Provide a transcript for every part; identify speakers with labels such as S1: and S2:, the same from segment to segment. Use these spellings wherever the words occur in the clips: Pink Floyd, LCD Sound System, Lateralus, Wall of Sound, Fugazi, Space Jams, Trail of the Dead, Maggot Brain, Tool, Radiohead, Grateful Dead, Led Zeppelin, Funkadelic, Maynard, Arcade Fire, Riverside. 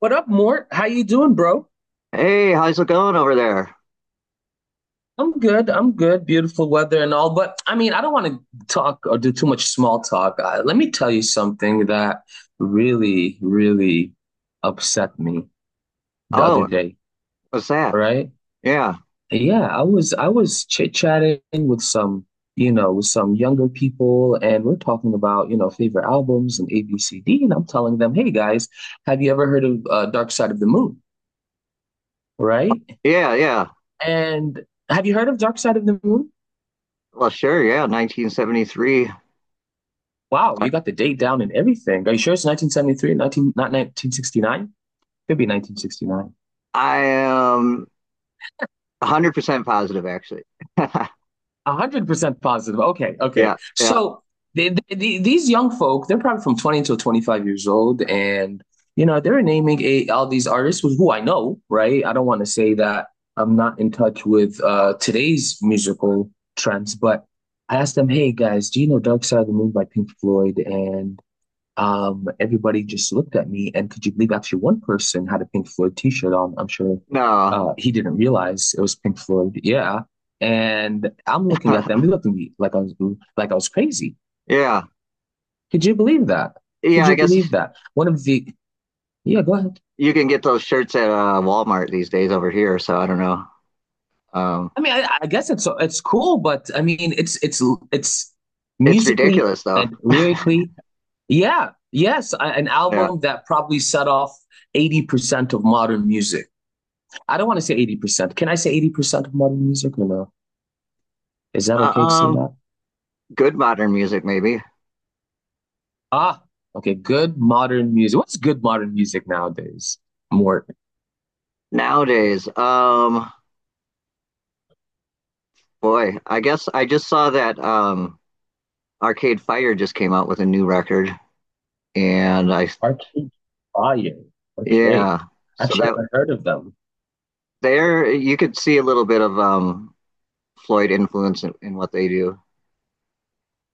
S1: What up, Mort? How you doing, bro?
S2: Hey, how's it going over there?
S1: I'm good. I'm good. Beautiful weather and all, but I mean, I don't want to talk or do too much small talk. Let me tell you something that really, really upset me the other
S2: Oh,
S1: day.
S2: what's that?
S1: All right?
S2: Yeah,
S1: Yeah, I was chit-chatting with some with some younger people, and we're talking about favorite albums and ABCD, and I'm telling them, hey guys, have you ever heard of Dark Side of the Moon, right?
S2: yeah, yeah.
S1: And have you heard of Dark Side of the Moon?
S2: Well, sure, yeah, 1973.
S1: Wow, you got the date down and everything. Are you sure it's 1973, 19, not 1969? Could be 1969.
S2: I am 100% positive, actually.
S1: 100% positive. Okay, okay.
S2: Yeah, yeah.
S1: So these young folk, they're probably from 20 to 25 years old. And they're naming all these artists who I know, right? I don't want to say that I'm not in touch with today's musical trends, but I asked them, hey guys, do you know Dark Side of the Moon by Pink Floyd? And everybody just looked at me, and could you believe actually one person had a Pink Floyd t-shirt on? I'm sure
S2: No.
S1: he didn't realize it was Pink Floyd. Yeah, and I'm looking at them. They looked at me like I was crazy.
S2: Yeah.
S1: Could you believe that? Could
S2: Yeah, I
S1: you
S2: guess
S1: believe that? One of the yeah, go ahead.
S2: you can get those shirts at Walmart these days over here, so I don't know. Um,
S1: I mean, I guess it's cool, but I mean, it's
S2: it's
S1: musically
S2: ridiculous though.
S1: and lyrically, yeah, yes, an
S2: Yeah.
S1: album that probably set off 80% of modern music. I don't want to say 80%. Can I say 80% of modern music or no? Is that
S2: Uh,
S1: okay to say
S2: Um,
S1: that?
S2: Good modern music maybe.
S1: Ah, okay. Good modern music. What's good modern music nowadays? More
S2: Nowadays, boy, I guess I just saw that Arcade Fire just came out with a new record, and I
S1: Arcade Fire. Okay.
S2: yeah, so
S1: Actually, I've
S2: that
S1: never heard of them.
S2: there you could see a little bit of Floyd influence in what they do.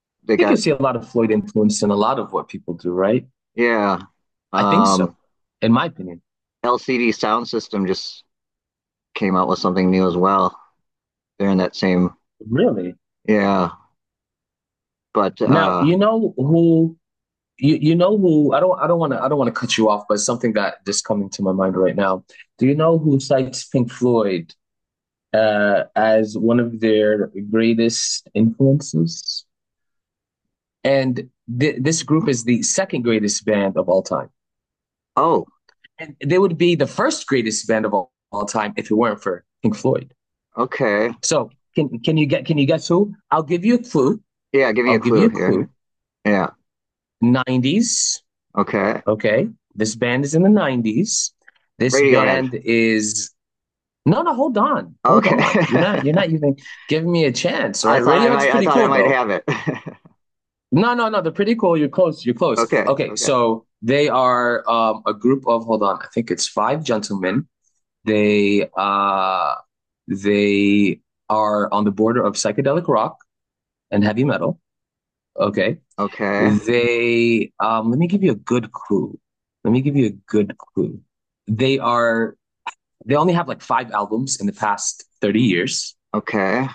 S1: I
S2: They
S1: think you
S2: got
S1: see a lot of Floyd influence in a lot of what people do, right?
S2: yeah,
S1: I think
S2: um,
S1: so, in my opinion.
S2: LCD Sound System just came out with something new as well. They're in that same
S1: Really?
S2: yeah, but
S1: Now, you know who I don't want to cut you off, but something that just coming to my mind right now. Do you know who cites Pink Floyd as one of their greatest influences. And this group is the second greatest band of all time.
S2: oh,
S1: And they would be the first greatest band of all time if it weren't for Pink Floyd.
S2: okay,
S1: So can you guess who? I'll give you a clue.
S2: yeah, give me
S1: I'll
S2: a
S1: give
S2: clue
S1: you a
S2: here.
S1: clue.
S2: Yeah,
S1: 90s.
S2: okay,
S1: Okay. This band is in the 90s. This
S2: Radiohead.
S1: band is No, no, hold on. Hold
S2: Okay.
S1: on. You're not you're not even giving me a chance, right? Radiohead's
S2: I
S1: pretty
S2: thought I
S1: cool
S2: might
S1: though.
S2: have it.
S1: No, no, no. They're pretty cool. You're close. You're close.
S2: Okay,
S1: Okay,
S2: okay,
S1: so they are a group of, hold on, I think it's five gentlemen. They uh they are on the border of psychedelic rock and heavy metal. Okay.
S2: okay.
S1: They let me give you a good clue. Let me give you a good clue. They are they only have like five albums in the past 30 years.
S2: Okay.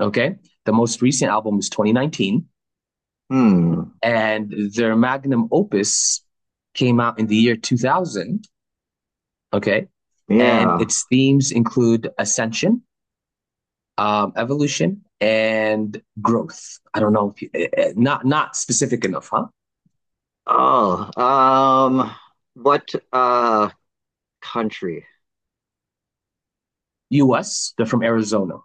S1: Okay. The most recent album is 2019.
S2: Hmm.
S1: And their magnum opus came out in the year 2000. Okay. And
S2: Yeah.
S1: its themes include ascension, evolution, and growth. I don't know if you, not specific enough, huh?
S2: Oh, what country?
S1: U.S. They're from Arizona.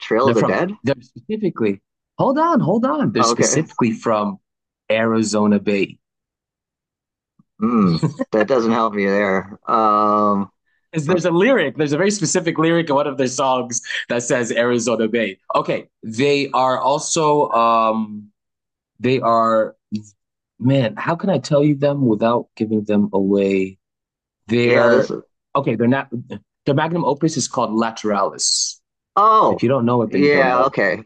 S2: Trail of
S1: They're
S2: the
S1: from
S2: Dead?
S1: they're specifically. Hold on, hold on. They're
S2: Oh, okay.
S1: specifically from Arizona Bay.
S2: Hmm. That doesn't help me there.
S1: 'Cause
S2: From
S1: there's a lyric. There's a very specific lyric in one of their songs that says Arizona Bay. Okay, they are, man, how can I tell you them without giving them away?
S2: yeah, this
S1: They're,
S2: is
S1: okay. they're not, their magnum opus is called Lateralis. If
S2: oh,
S1: you don't know it, then you don't
S2: yeah,
S1: know.
S2: okay.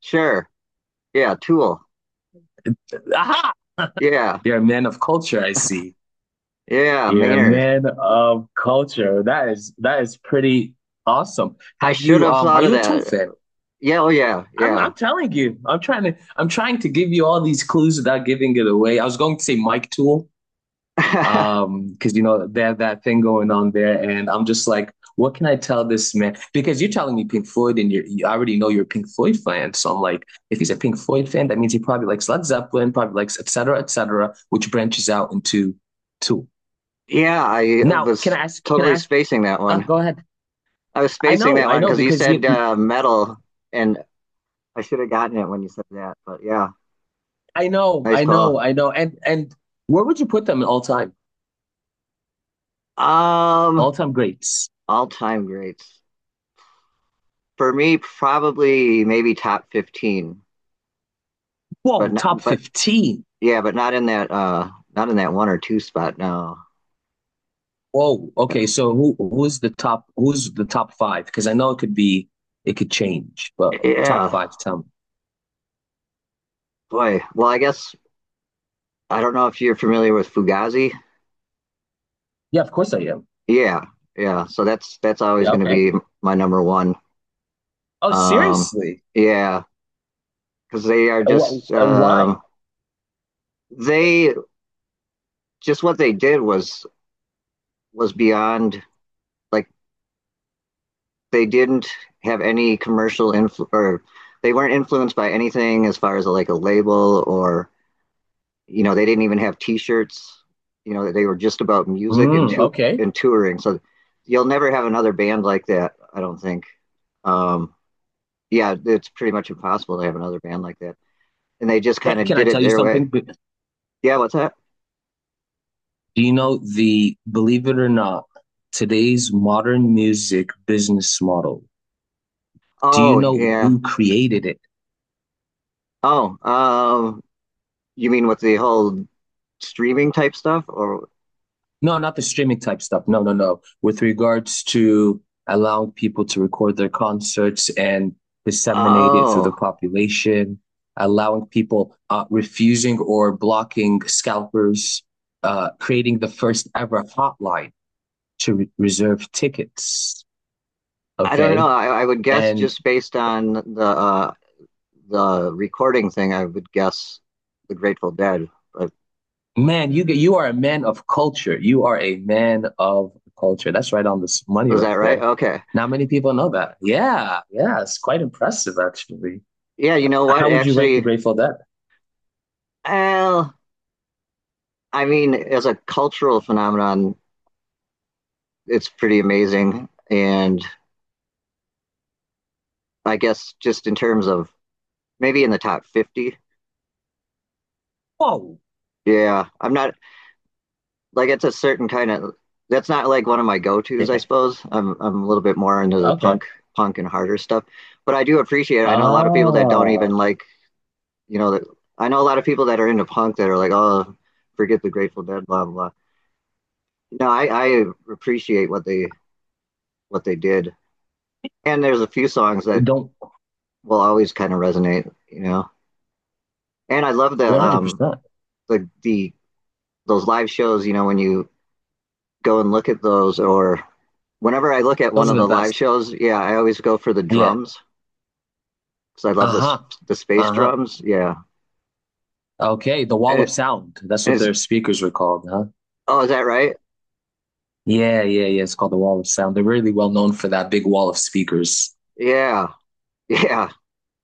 S2: Sure. Yeah, Tool.
S1: Aha!
S2: Yeah.
S1: You're a man of culture, I see.
S2: Yeah,
S1: You're a
S2: Maynard.
S1: man of culture. That is pretty awesome.
S2: I
S1: Have
S2: should
S1: you
S2: have
S1: are
S2: thought of
S1: you a Tool
S2: that.
S1: fan?
S2: Yeah, oh yeah,
S1: I'm
S2: yeah.
S1: I'm telling you. I'm trying to give you all these clues without giving it away. I was going to say Mike Tool, because they have that thing going on there, and I'm just like what can I tell this man, because you're telling me Pink Floyd, and you already know you're a Pink Floyd fan, so I'm like if he's a Pink Floyd fan that means he probably likes Led Zeppelin, probably likes et cetera et cetera, which branches out into two.
S2: Yeah, I
S1: Now can i
S2: was
S1: ask can i
S2: totally
S1: ask
S2: spacing that
S1: oh,
S2: one.
S1: go ahead.
S2: I was
S1: i
S2: spacing
S1: know
S2: that
S1: i
S2: one
S1: know
S2: because you
S1: because you
S2: said metal and I should have gotten it when you said that, but yeah,
S1: I know
S2: nice
S1: I know
S2: call.
S1: I know and where would you put them in all time
S2: Um,
S1: all time greats?
S2: all time greats for me, probably maybe top 15, but
S1: Whoa,
S2: not,
S1: top
S2: but
S1: 15.
S2: yeah, but not in that not in that one or two spot. No,
S1: Whoa. Okay. So who's the top? Who's the top five? Because I know it could change, but top
S2: yeah,
S1: five. Tell me.
S2: boy. Well, I guess I don't know if you're familiar with Fugazi.
S1: Yeah, of course I am.
S2: Yeah, yeah. So that's always
S1: Yeah,
S2: going to
S1: okay.
S2: be my number one.
S1: Oh,
S2: Um,
S1: seriously?
S2: yeah, because they are
S1: Uh, wh-
S2: just
S1: uh, why?
S2: they just what they did was beyond like they didn't have any commercial influ- or they weren't influenced by anything as far as a, like a label or, you know, they didn't even have t-shirts. You know, they were just about music and
S1: Mm,
S2: to-
S1: okay.
S2: and touring, so you'll never have another band like that, I don't think. Um, yeah, it's pretty much impossible to have another band like that, and they just kind of
S1: Can I
S2: did it
S1: tell you
S2: their way.
S1: something?
S2: Yeah, what's that?
S1: Do you know the believe it or not, today's modern music business model? Do you
S2: Oh
S1: know
S2: yeah.
S1: who created it?
S2: Oh, you mean with the whole streaming type stuff or
S1: No, not the streaming type stuff. No, no, no. With regards to allowing people to record their concerts and disseminate it through the
S2: oh
S1: population, allowing people refusing or blocking scalpers, creating the first ever hotline to reserve tickets.
S2: I don't know.
S1: Okay,
S2: I would guess
S1: and
S2: just based on the recording thing, I would guess the Grateful Dead. But
S1: man, you are a man of culture. You are a man of culture. That's right on this money
S2: was
S1: right
S2: that right?
S1: there.
S2: Okay.
S1: Not many people know that. Yeah, yeah, it's quite impressive actually.
S2: Yeah, you know what?
S1: How would you rank the
S2: Actually,
S1: Grateful Dead?
S2: well, I mean, as a cultural phenomenon, it's pretty amazing. And I guess just in terms of maybe in the top 50.
S1: Whoa.
S2: Yeah, I'm not like it's a certain kind of that's not like one of my go-tos, I suppose. I'm a little bit more into the
S1: Okay.
S2: punk, and harder stuff. But I do appreciate it. I know a lot of people that don't
S1: Ah,
S2: even like, you know, that I know a lot of people that are into punk that are like, oh, forget the Grateful Dead, blah blah. No, I appreciate what they did, and there's a few songs that
S1: don't
S2: will always kind of resonate, you know. And I love
S1: 100%.
S2: the those live shows, you know, when you go and look at those, or whenever I look at one
S1: Those are
S2: of
S1: the
S2: the live
S1: best.
S2: shows, yeah, I always go for the
S1: Yeah.
S2: drums because I love
S1: Uh-huh.
S2: the space
S1: Uh-huh.
S2: drums, yeah.
S1: Okay, the
S2: And,
S1: Wall
S2: it,
S1: of Sound. That's
S2: and
S1: what
S2: it's
S1: their speakers were called, huh?
S2: oh, is that right?
S1: Yeah, yeah, yeah. It's called the Wall of Sound. They're really well known for that big wall of speakers.
S2: Yeah, yeah.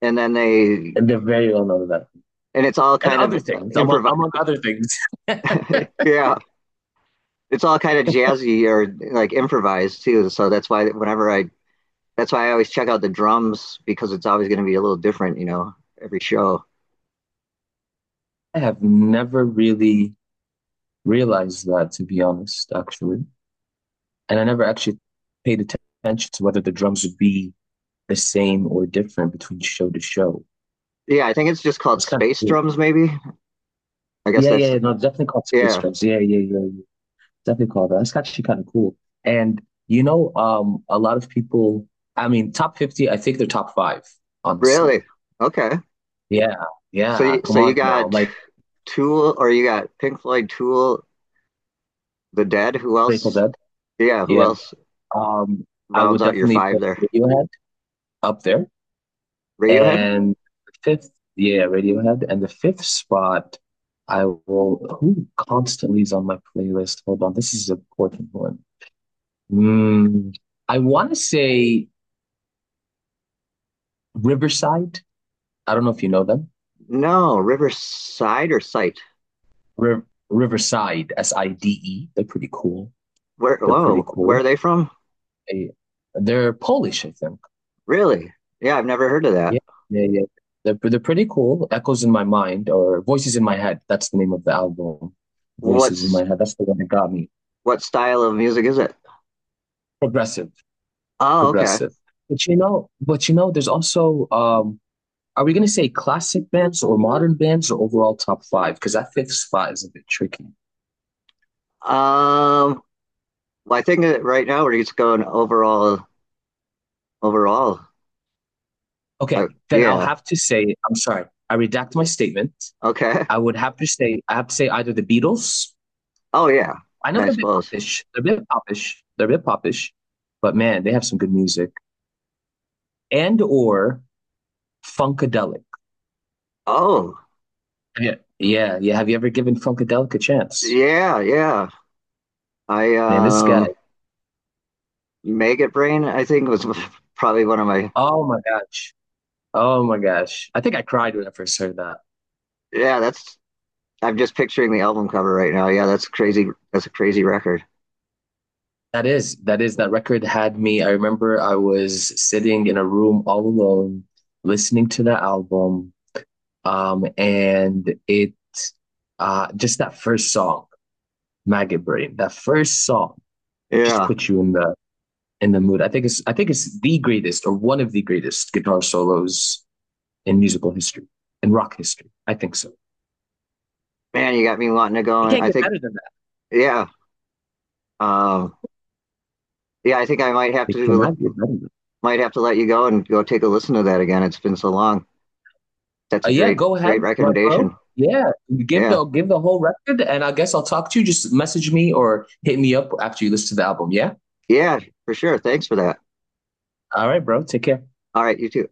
S2: And then they
S1: And they're very well known for that.
S2: and it's all
S1: And
S2: kind of
S1: other things, among
S2: improv.
S1: among other things. I
S2: Yeah, it's all kind of jazzy or like improvised too. So that's why I always check out the drums because it's always going to be a little different, you know, every show.
S1: have never really realized that, to be honest, actually. And I never actually paid attention to whether the drums would be the same or different between show to show.
S2: Yeah, I think it's just called
S1: That's kind of
S2: Space
S1: cool.
S2: Drums, maybe. I guess
S1: Yeah, yeah,
S2: that's
S1: yeah, no, definitely called Space
S2: yeah.
S1: Jams. Yeah, yeah, yeah, yeah. Definitely called that. That's actually kind of cool. And a lot of people, I mean, top 50, I think they're top five, honestly.
S2: Really? Okay.
S1: Yeah,
S2: So
S1: yeah.
S2: you, so
S1: Come
S2: you
S1: on now.
S2: got
S1: Like
S2: Tool, or you got Pink Floyd, Tool, The Dead. Who
S1: Grateful
S2: else?
S1: Dead.
S2: Yeah, who
S1: Yeah.
S2: else
S1: Um, I would
S2: rounds out your
S1: definitely put
S2: five there?
S1: Radiohead up there.
S2: Radiohead?
S1: And fifth, yeah, Radiohead. And the fifth spot, I will. Who constantly is on my playlist? Hold on, this is an important one. Mm, I want to say Riverside. I don't know if you know them.
S2: No, Riverside or Sight.
S1: Riv Riverside, SIDE. They're pretty cool.
S2: Where,
S1: They're pretty
S2: whoa, where
S1: cool.
S2: are they from?
S1: They, they're Polish, I think.
S2: Really? Yeah, I've never heard of that.
S1: Yeah, yeah, yeah. They're pretty cool. Echoes in My Mind or Voices in My Head. That's the name of the album. Voices in
S2: What's
S1: My Head. That's the one that got me.
S2: what style of music is it?
S1: Progressive.
S2: Oh, okay.
S1: progressive. But you know, there's also are we gonna say classic bands or modern bands or overall top five? Because that fifth spot is a bit tricky.
S2: Um, well, I think that right now we're just going overall, overall.
S1: Okay, then I'll
S2: Yeah.
S1: have to say I'm sorry. I redact my statement.
S2: Okay.
S1: I would have to say I have to say either the Beatles.
S2: Oh, yeah.
S1: I know
S2: Yeah, I
S1: they're a bit
S2: suppose.
S1: popish. They're a bit popish. They're a bit popish, but man, they have some good music. And or Funkadelic.
S2: Oh,
S1: Yeah, yeah, yeah. Have you ever given Funkadelic a chance?
S2: yeah, yeah. I
S1: Man, this guy.
S2: Maggot Brain, I think was probably one of my.
S1: Oh my gosh. Oh my gosh. I think I cried when I first heard that.
S2: Yeah, that's. I'm just picturing the album cover right now. Yeah, that's crazy. That's a crazy record.
S1: That record had me. I remember I was sitting in a room all alone, listening to the album. And just that first song, Maggot Brain, that first song just
S2: Yeah,
S1: puts you in the mood. I think it's the greatest or one of the greatest guitar solos in musical history, in rock history. I think so.
S2: man, you got me wanting to go.
S1: It
S2: And
S1: can't
S2: I
S1: get
S2: think,
S1: better than that.
S2: yeah. Um, yeah, I think I
S1: It cannot get better than
S2: might have to let you go and go take a listen to that again. It's been so long. That's a
S1: Yeah,
S2: great
S1: go
S2: great
S1: ahead, my bro.
S2: recommendation.
S1: Yeah, give
S2: Yeah,
S1: the give the whole record, and I guess I'll talk to you. Just message me or hit me up after you listen to the album. Yeah.
S2: yeah, for sure. Thanks for that.
S1: All right, bro. Take care.
S2: All right, you too.